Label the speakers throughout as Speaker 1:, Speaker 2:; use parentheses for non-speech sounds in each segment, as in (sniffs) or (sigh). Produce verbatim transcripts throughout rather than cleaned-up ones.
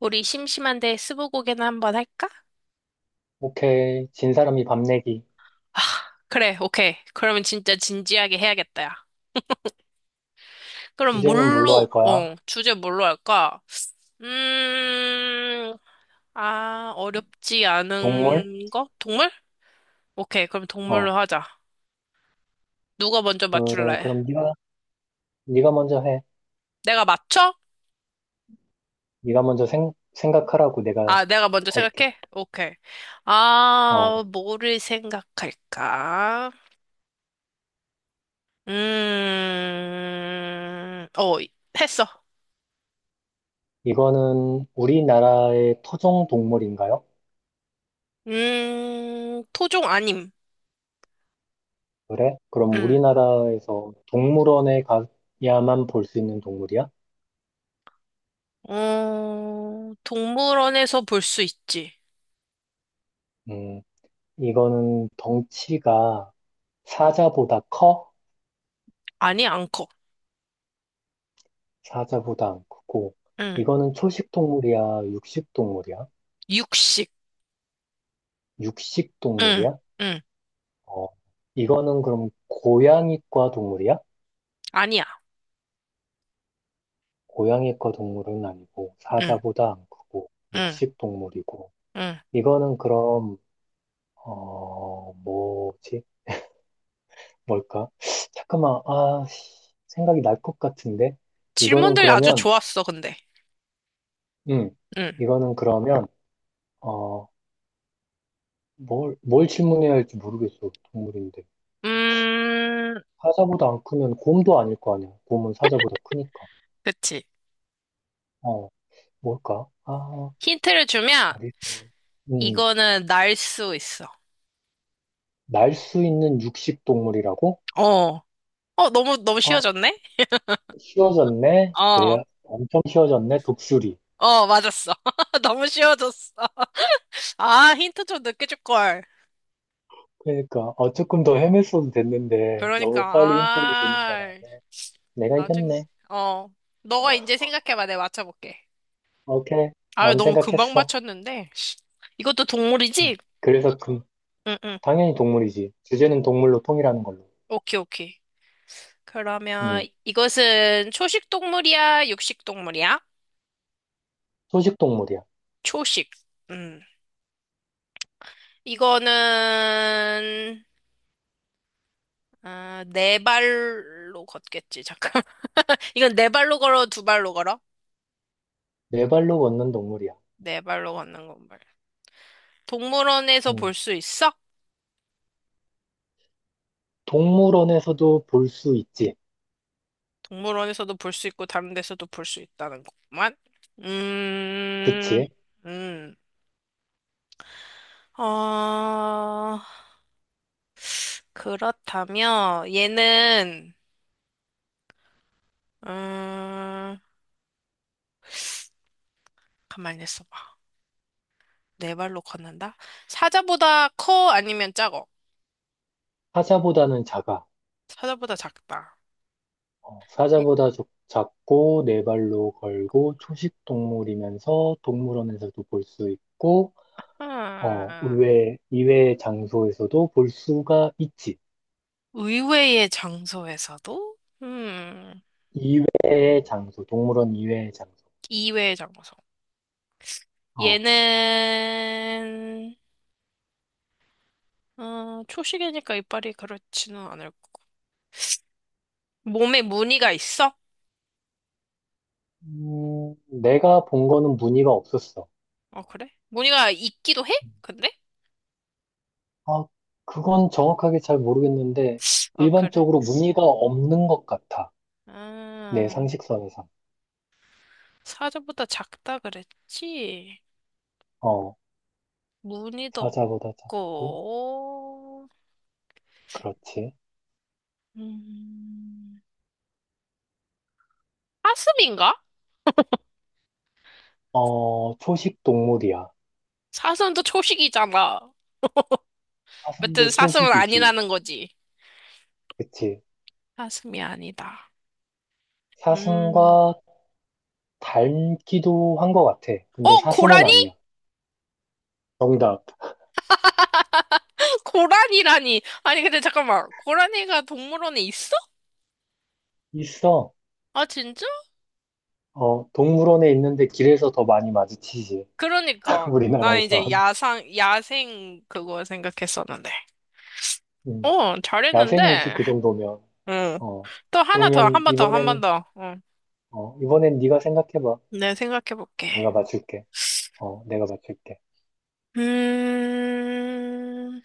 Speaker 1: 우리 심심한데 스무고개나 한번 할까?
Speaker 2: 오케이. 진 사람이 밥 내기.
Speaker 1: 아, 그래, 오케이. 그러면 진짜 진지하게 해야겠다, 야. 그럼
Speaker 2: 주제는 뭘로
Speaker 1: 뭘로,
Speaker 2: 할 거야?
Speaker 1: 어, 주제 뭘로 할까? 음, 아, 어렵지
Speaker 2: 동물?
Speaker 1: 않은 거? 동물? 오케이, 그럼
Speaker 2: 어.
Speaker 1: 동물로 하자. 누가 먼저
Speaker 2: 그래.
Speaker 1: 맞출래?
Speaker 2: 그럼 네가 네가 먼저 해.
Speaker 1: 내가 맞춰?
Speaker 2: 네가 먼저 생, 생각하라고 내가
Speaker 1: 아, 내가 먼저
Speaker 2: 할게.
Speaker 1: 생각해? 오케이.
Speaker 2: 어.
Speaker 1: 아, 뭐를 생각할까? 음, 어, 했어.
Speaker 2: 이거는 우리나라의 토종 동물인가요?
Speaker 1: 음, 토종 아님.
Speaker 2: 그래? 그럼
Speaker 1: 응.
Speaker 2: 우리나라에서 동물원에 가야만 볼 수 있는 동물이야?
Speaker 1: 어, 동물원에서 볼 수 있지.
Speaker 2: 음. 이거는 덩치가 사자보다 커?
Speaker 1: 아니, 안 커.
Speaker 2: 사자보다 안 크고.
Speaker 1: 응.
Speaker 2: 이거는 초식 동물이야? 육식 동물이야?
Speaker 1: 육식.
Speaker 2: 육식
Speaker 1: 응.
Speaker 2: 동물이야?
Speaker 1: 응.
Speaker 2: 어, 이거는 그럼 고양이과 동물이야?
Speaker 1: 아니야.
Speaker 2: 고양이과 동물은 아니고
Speaker 1: 응.
Speaker 2: 사자보다 안 크고
Speaker 1: 응.
Speaker 2: 육식 동물이고
Speaker 1: 응.
Speaker 2: 이거는 그럼 어 뭐지? 뭘까? (sniffs) 잠깐만, 아 씨, 생각이 날 것 같은데. 이거는
Speaker 1: 질문들 아주
Speaker 2: 그러면
Speaker 1: 좋았어, 근데.
Speaker 2: 음
Speaker 1: 응.
Speaker 2: 이거는 그러면 어뭘 뭘뭘 질문해야 할지 모르겠어. 동물인데
Speaker 1: 음,
Speaker 2: 사자보다 안 크면 곰도 아닐 거 아니야. 곰은 사자보다 크니까.
Speaker 1: 그치.
Speaker 2: 어 뭘까? 아
Speaker 1: 힌트를 주면,
Speaker 2: 아리 음
Speaker 1: 이거는 날 수 있어.
Speaker 2: 날 수 있는 육식 동물이라고?
Speaker 1: 어. 어, 너무, 너무
Speaker 2: 아,
Speaker 1: 쉬워졌네?
Speaker 2: 쉬워졌네?
Speaker 1: 어.
Speaker 2: 그래, 엄청 쉬워졌네? 독수리.
Speaker 1: 어, 맞았어. (laughs) 너무 쉬워졌어. 아, 힌트 좀 늦게 줄걸.
Speaker 2: 그러니까, 어, 조금 더 헤맸어도 됐는데,
Speaker 1: 그러니까,
Speaker 2: 너무 빨리 힌트를 주는 가라.
Speaker 1: 아.
Speaker 2: 내가
Speaker 1: 나중,
Speaker 2: 이겼네.
Speaker 1: 어, 너가 이제 생각해봐. 내가 맞춰볼게.
Speaker 2: 오케이.
Speaker 1: 아유,
Speaker 2: 다음
Speaker 1: 너무 금방
Speaker 2: 생각했어.
Speaker 1: 맞췄는데. 이것도 동물이지?
Speaker 2: 음. 그래서 그,
Speaker 1: 응, 응.
Speaker 2: 당연히 동물이지. 주제는 동물로 통일하는 걸로.
Speaker 1: 오케이, 오케이. 그러면
Speaker 2: 음,
Speaker 1: 이것은 초식 동물이야? 육식 동물이야?
Speaker 2: 초식 동물이야.
Speaker 1: 초식. 음. 이거는, 아, 네 발로 걷겠지. 잠깐. (laughs) 이건 네 발로 걸어, 두 발로 걸어?
Speaker 2: 네 발로 걷는 동물이야.
Speaker 1: 네 발로 걷는 건말 동물원에서 볼
Speaker 2: 음,
Speaker 1: 수 있어?
Speaker 2: 동물원에서도 볼 수 있지.
Speaker 1: 동물원에서도 볼 수 있고 다른 데서도 볼 수 있다는 것만? 음,
Speaker 2: 그치?
Speaker 1: 음. 어, 그렇다면 얘는 음, 가만히 있어봐. 네 발로 걷는다? 사자보다 커 아니면 작어?
Speaker 2: 사자보다는 작아.
Speaker 1: 사자보다 작다.
Speaker 2: 어,
Speaker 1: 네.
Speaker 2: 사자보다 좁- 작고 네 발로 걸고 초식 동물이면서 동물원에서도 볼 수 있고, 어,
Speaker 1: 음,
Speaker 2: 의외 이외의 장소에서도 볼 수가 있지.
Speaker 1: 의외의 장소에서도? 음,
Speaker 2: 이외의 장소, 동물원 이외의 장소.
Speaker 1: 이외의 장소.
Speaker 2: 어,
Speaker 1: 얘는, 어, 초식이니까 이빨이 그렇지는 않을 거고. 몸에 무늬가 있어?
Speaker 2: 음, 내가 본 거는 무늬가 없었어.
Speaker 1: 어, 그래? 무늬가 있기도 해? 근데?
Speaker 2: 아, 그건 정확하게 잘 모르겠는데
Speaker 1: 어, 그래?
Speaker 2: 일반적으로 무늬가 없는 것 같아. 내
Speaker 1: 아,
Speaker 2: 상식선에서.
Speaker 1: 사자보다 작다 그랬지?
Speaker 2: 어,
Speaker 1: 무늬도
Speaker 2: 사자보다
Speaker 1: 없고,
Speaker 2: 작고 그렇지.
Speaker 1: 음, 사슴인가?
Speaker 2: 어, 초식 동물이야.
Speaker 1: 사슴도 초식이잖아. 아무튼
Speaker 2: 사슴도
Speaker 1: 사슴은
Speaker 2: 초식이지.
Speaker 1: 아니라는 거지.
Speaker 2: 그치.
Speaker 1: 사슴이 아니다. 음.
Speaker 2: 사슴과 닮기도 한 것 같아. 근데
Speaker 1: 어,
Speaker 2: 사슴은
Speaker 1: 고라니?
Speaker 2: 아니야. 정답.
Speaker 1: 고라니라니. 아니, 근데 잠깐만. 고라니가 동물원에 있어?
Speaker 2: 있어.
Speaker 1: 아, 진짜?
Speaker 2: 어, 동물원에 있는데 길에서 더 많이 마주치지. (laughs)
Speaker 1: 그러니까 나 이제
Speaker 2: 우리나라에서.
Speaker 1: 야상 야생 그거 생각했었는데.
Speaker 2: 음,
Speaker 1: 어,
Speaker 2: 야생이지,
Speaker 1: 잘했는데.
Speaker 2: 그 정도면.
Speaker 1: 응.
Speaker 2: 어,
Speaker 1: 또 하나 더,
Speaker 2: 그러면
Speaker 1: 한 번 더, 한 번
Speaker 2: 이번엔,
Speaker 1: 더. 응.
Speaker 2: 어, 이번엔 네가 생각해봐.
Speaker 1: 네, 생각해 볼게.
Speaker 2: 내가 맞출게. 어, 내가 맞출게.
Speaker 1: 음.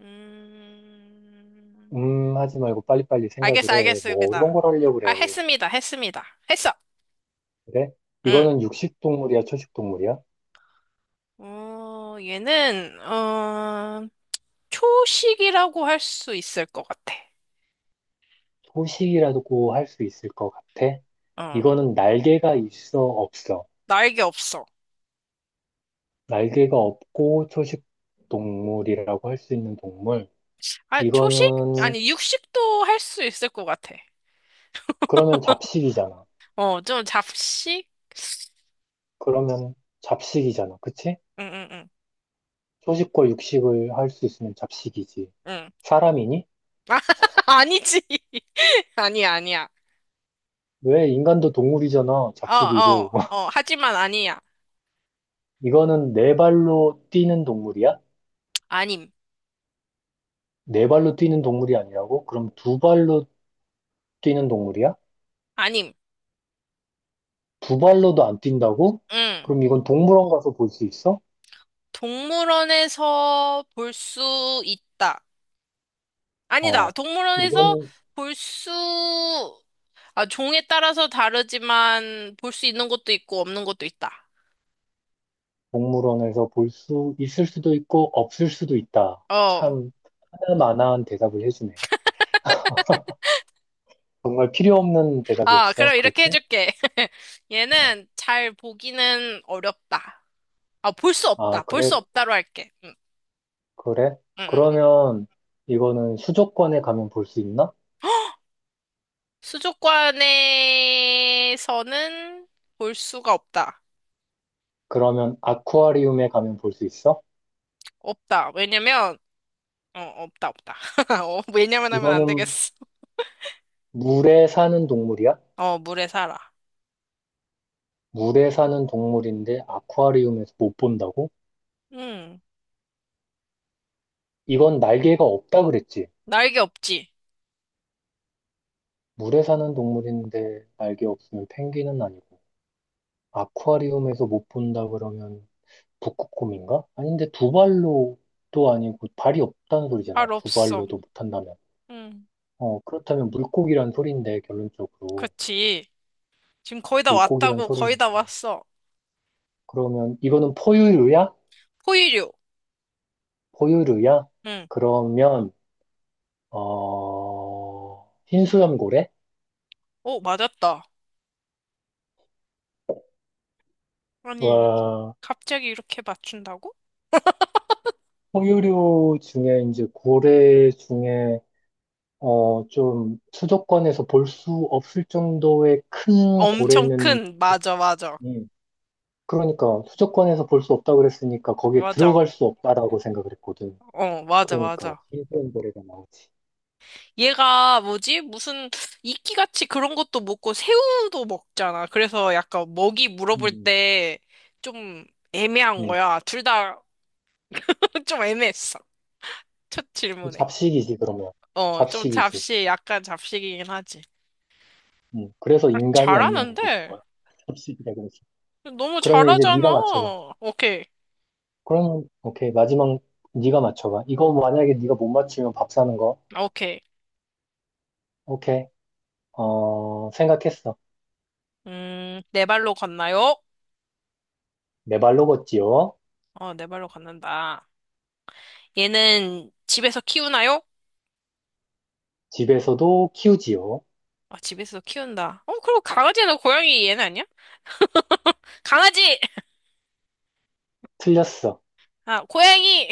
Speaker 1: 음.
Speaker 2: 음, 하지 말고 빨리빨리 생각을
Speaker 1: 알겠어,
Speaker 2: 해. 뭐 어려운
Speaker 1: 알겠습니다.
Speaker 2: 걸 하려고
Speaker 1: 아,
Speaker 2: 그래.
Speaker 1: 했습니다. 했습니다. 했어.
Speaker 2: 그래?
Speaker 1: 응.
Speaker 2: 이거는 육식 동물이야, 초식 동물이야?
Speaker 1: 어, 얘는 어, 초식이라고 할 수 있을 것 같아.
Speaker 2: 소식이라고 할 수 있을 것 같아?
Speaker 1: 어.
Speaker 2: 이거는 날개가 있어 없어?
Speaker 1: 날개 없어.
Speaker 2: 날개가 없고 초식 동물이라고 할 수 있는 동물.
Speaker 1: 아, 초식?
Speaker 2: 이거는
Speaker 1: 아니, 육식도 할 수 있을 것 같아.
Speaker 2: 그러면 잡식이잖아.
Speaker 1: 어, 좀 잡식?
Speaker 2: 그러면 잡식이잖아. 그치?
Speaker 1: 응, 응, 응,
Speaker 2: 초식과 육식을 할 수 있으면 잡식이지.
Speaker 1: 응.
Speaker 2: 사람이니?
Speaker 1: (laughs) 아니지. (laughs) 아니야, 아니야.
Speaker 2: 왜 인간도 동물이잖아.
Speaker 1: 어,
Speaker 2: 잡식이고.
Speaker 1: 어, 어,
Speaker 2: (laughs)
Speaker 1: 하지만 아니야.
Speaker 2: 이거는 네 발로 뛰는 동물이야?
Speaker 1: 아님,
Speaker 2: 네 발로 뛰는 동물이 아니라고? 그럼 두 발로 뛰는 동물이야?
Speaker 1: 아님.
Speaker 2: 두 발로도 안 뛴다고?
Speaker 1: 응.
Speaker 2: 그럼 이건 동물원 가서 볼 수 있어?
Speaker 1: 동물원에서 볼 수 있다. 아니다.
Speaker 2: 어,
Speaker 1: 동물원에서
Speaker 2: 이건
Speaker 1: 볼 수, 아, 종에 따라서 다르지만 볼 수 있는 것도 있고 없는 것도 있다.
Speaker 2: 동물원에서 볼 수 있을 수도 있고 없을 수도 있다.
Speaker 1: 어.
Speaker 2: 참 하나만한 대답을 해주네. 정말 필요 없는
Speaker 1: 아,
Speaker 2: 대답이었어.
Speaker 1: 그럼 이렇게
Speaker 2: 그렇지?
Speaker 1: 해줄게. (laughs)
Speaker 2: 어,
Speaker 1: 얘는 잘 보기는 어렵다. 아, 볼 수
Speaker 2: 아,
Speaker 1: 없다. 볼
Speaker 2: 그래,
Speaker 1: 수 없다로 할게. 응.
Speaker 2: 그래.
Speaker 1: 응, 응, 응.
Speaker 2: 그러면 이거는 수족관에 가면 볼 수 있나?
Speaker 1: 수족관에서는 볼 수가 없다.
Speaker 2: 그러면 아쿠아리움에 가면 볼 수 있어?
Speaker 1: 없다. 왜냐면, 어, 없다, 없다. (laughs) 어, 왜냐면 하면 안
Speaker 2: 이거는
Speaker 1: 되겠어. (laughs)
Speaker 2: 물에 사는 동물이야?
Speaker 1: 어, 물에 살아.
Speaker 2: 물에 사는 동물인데 아쿠아리움에서 못 본다고?
Speaker 1: 응.
Speaker 2: 이건 날개가 없다 그랬지?
Speaker 1: 날개 없지.
Speaker 2: 물에 사는 동물인데 날개 없으면 펭귄은 아니고 아쿠아리움에서 못 본다 그러면 북극곰인가? 아닌데 두 발로도 아니고 발이 없다는 소리잖아.
Speaker 1: 발
Speaker 2: 두
Speaker 1: 없어.
Speaker 2: 발로도 못한다면.
Speaker 1: 응.
Speaker 2: 어, 그렇다면 물고기란 소린데 결론적으로,
Speaker 1: 그렇지. 지금 거의 다
Speaker 2: 물고기란
Speaker 1: 왔다고,
Speaker 2: 소린
Speaker 1: 거의 다 왔어.
Speaker 2: 그러면 이거는 포유류야?
Speaker 1: 포유류.
Speaker 2: 포유류야?
Speaker 1: 응.
Speaker 2: 그러면 어 흰수염고래?
Speaker 1: 오, 맞았다.
Speaker 2: 와.
Speaker 1: 아니, 갑자기 이렇게 맞춘다고?
Speaker 2: 포유류 중에 이제 고래 중에, 어, 좀 수도권에서 볼 수 없을 정도의 큰
Speaker 1: 엄청
Speaker 2: 고래는.
Speaker 1: 큰, 맞아, 맞아.
Speaker 2: 음, 그러니까 수도권에서 볼 수 없다 그랬으니까 거기에
Speaker 1: 맞아.
Speaker 2: 들어갈 수 없다라고 생각을 했거든.
Speaker 1: 어, 맞아,
Speaker 2: 그러니까
Speaker 1: 맞아.
Speaker 2: 신기한 고래가 나오지.
Speaker 1: 얘가 뭐지? 무슨 이끼같이 그런 것도 먹고 새우도 먹잖아. 그래서 약간 먹이 물어볼
Speaker 2: 음,
Speaker 1: 때 좀
Speaker 2: 음.
Speaker 1: 애매한
Speaker 2: 네.
Speaker 1: 거야. 둘 다 좀 (laughs) 애매했어. 첫 질문에.
Speaker 2: 잡식이지, 그러면.
Speaker 1: 어, 좀
Speaker 2: 잡식이지.
Speaker 1: 잡식, 약간 잡식이긴 하지.
Speaker 2: 음, 그래서
Speaker 1: 아,
Speaker 2: 인간이 아니냐고 물어볼
Speaker 1: 잘하는데?
Speaker 2: 거야. (laughs) 잡식이라 그랬어.
Speaker 1: 너무
Speaker 2: 그러면 이제 네가 맞춰봐.
Speaker 1: 잘하잖아. 오케이,
Speaker 2: 그러면, 오케이. 마지막, 네가 맞춰봐. 이거 만약에 네가 못 맞추면 밥 사는 거.
Speaker 1: 아, 오케이.
Speaker 2: 오케이. 어, 생각했어.
Speaker 1: 음, 네 발로 걷나요?
Speaker 2: 네 발로 걷지요.
Speaker 1: 어, 네 발로 걷는다. 얘는 집에서 키우나요?
Speaker 2: 집에서도 키우지요.
Speaker 1: 아, 집에서 키운다. 어, 그럼 강아지나 고양이 얘는 아니야? 강아지!
Speaker 2: 틀렸어.
Speaker 1: 아, 고양이!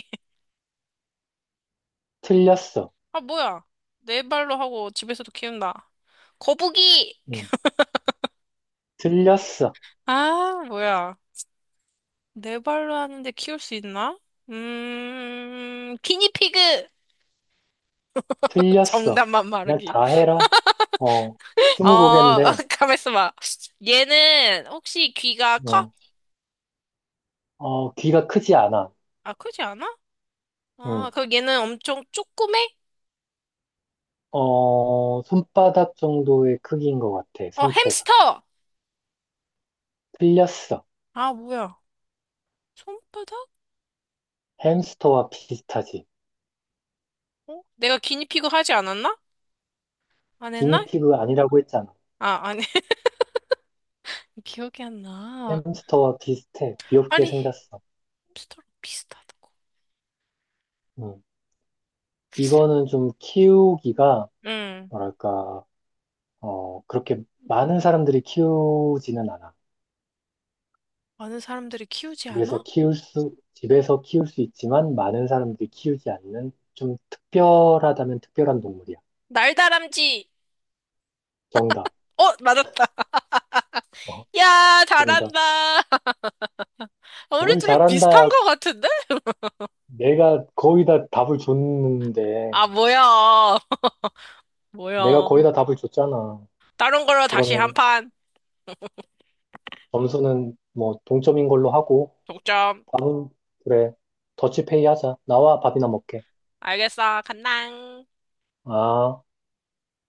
Speaker 2: 틀렸어.
Speaker 1: 아, 뭐야. 네 발로 하고 집에서도 키운다. 거북이!
Speaker 2: 음, 틀렸어.
Speaker 1: 아, 뭐야. 네 발로 하는데 키울 수 있나? 음, 기니피그!
Speaker 2: 틀렸어.
Speaker 1: 정답만
Speaker 2: 그냥
Speaker 1: 말하기.
Speaker 2: 다 해라. 어, 스무
Speaker 1: 어,
Speaker 2: 고개인데,
Speaker 1: (laughs) 가만있어 봐. 얘는 혹시 귀가 커?
Speaker 2: 어, 어, 귀가 크지 않아.
Speaker 1: 아, 크지 않아? 아,
Speaker 2: 음,
Speaker 1: 그럼 얘는 엄청 쪼그매?
Speaker 2: 어, 손바닥 정도의 크기인 것 같아.
Speaker 1: 어,
Speaker 2: 성체가.
Speaker 1: 햄스터!
Speaker 2: 틀렸어.
Speaker 1: 아, 뭐야. 손바닥?
Speaker 2: 햄스터와 비슷하지.
Speaker 1: 어? 내가 기니피그 하지 않았나? 안 했나?
Speaker 2: 기니피그 아니라고 했잖아.
Speaker 1: 아, 아니. (laughs) 기억이 안 나.
Speaker 2: 햄스터와 비슷해. 귀엽게
Speaker 1: 아니.
Speaker 2: 생겼어.
Speaker 1: 햄스터랑 비슷하다고.
Speaker 2: 음, 이거는 좀 키우기가,
Speaker 1: 응.
Speaker 2: 뭐랄까, 어, 그렇게 많은 사람들이 키우지는 않아.
Speaker 1: 많은 사람들이 키우지
Speaker 2: 집에서
Speaker 1: 않아?
Speaker 2: 키울 수, 집에서 키울 수 있지만 많은 사람들이 키우지 않는 좀 특별하다면 특별한 동물이야.
Speaker 1: 날다람쥐!
Speaker 2: 정답.
Speaker 1: 어, 맞았다. (laughs)
Speaker 2: 어,
Speaker 1: 야,
Speaker 2: 정답.
Speaker 1: 잘한다. (laughs) 우리
Speaker 2: 뭘
Speaker 1: 둘이 비슷한
Speaker 2: 잘한다.
Speaker 1: 것 같은데?
Speaker 2: 내가 거의 다 답을 줬는데,
Speaker 1: 아, 뭐야. (laughs)
Speaker 2: 내가 거의
Speaker 1: 뭐야.
Speaker 2: 다 답을 줬잖아.
Speaker 1: 다른 걸로 다시 한
Speaker 2: 그러면
Speaker 1: 판.
Speaker 2: 점수는 뭐 동점인 걸로 하고,
Speaker 1: 독점.
Speaker 2: 밥은, 그래, 더치페이 하자. 나와 밥이나 먹게.
Speaker 1: 알겠어. 간당.
Speaker 2: 아.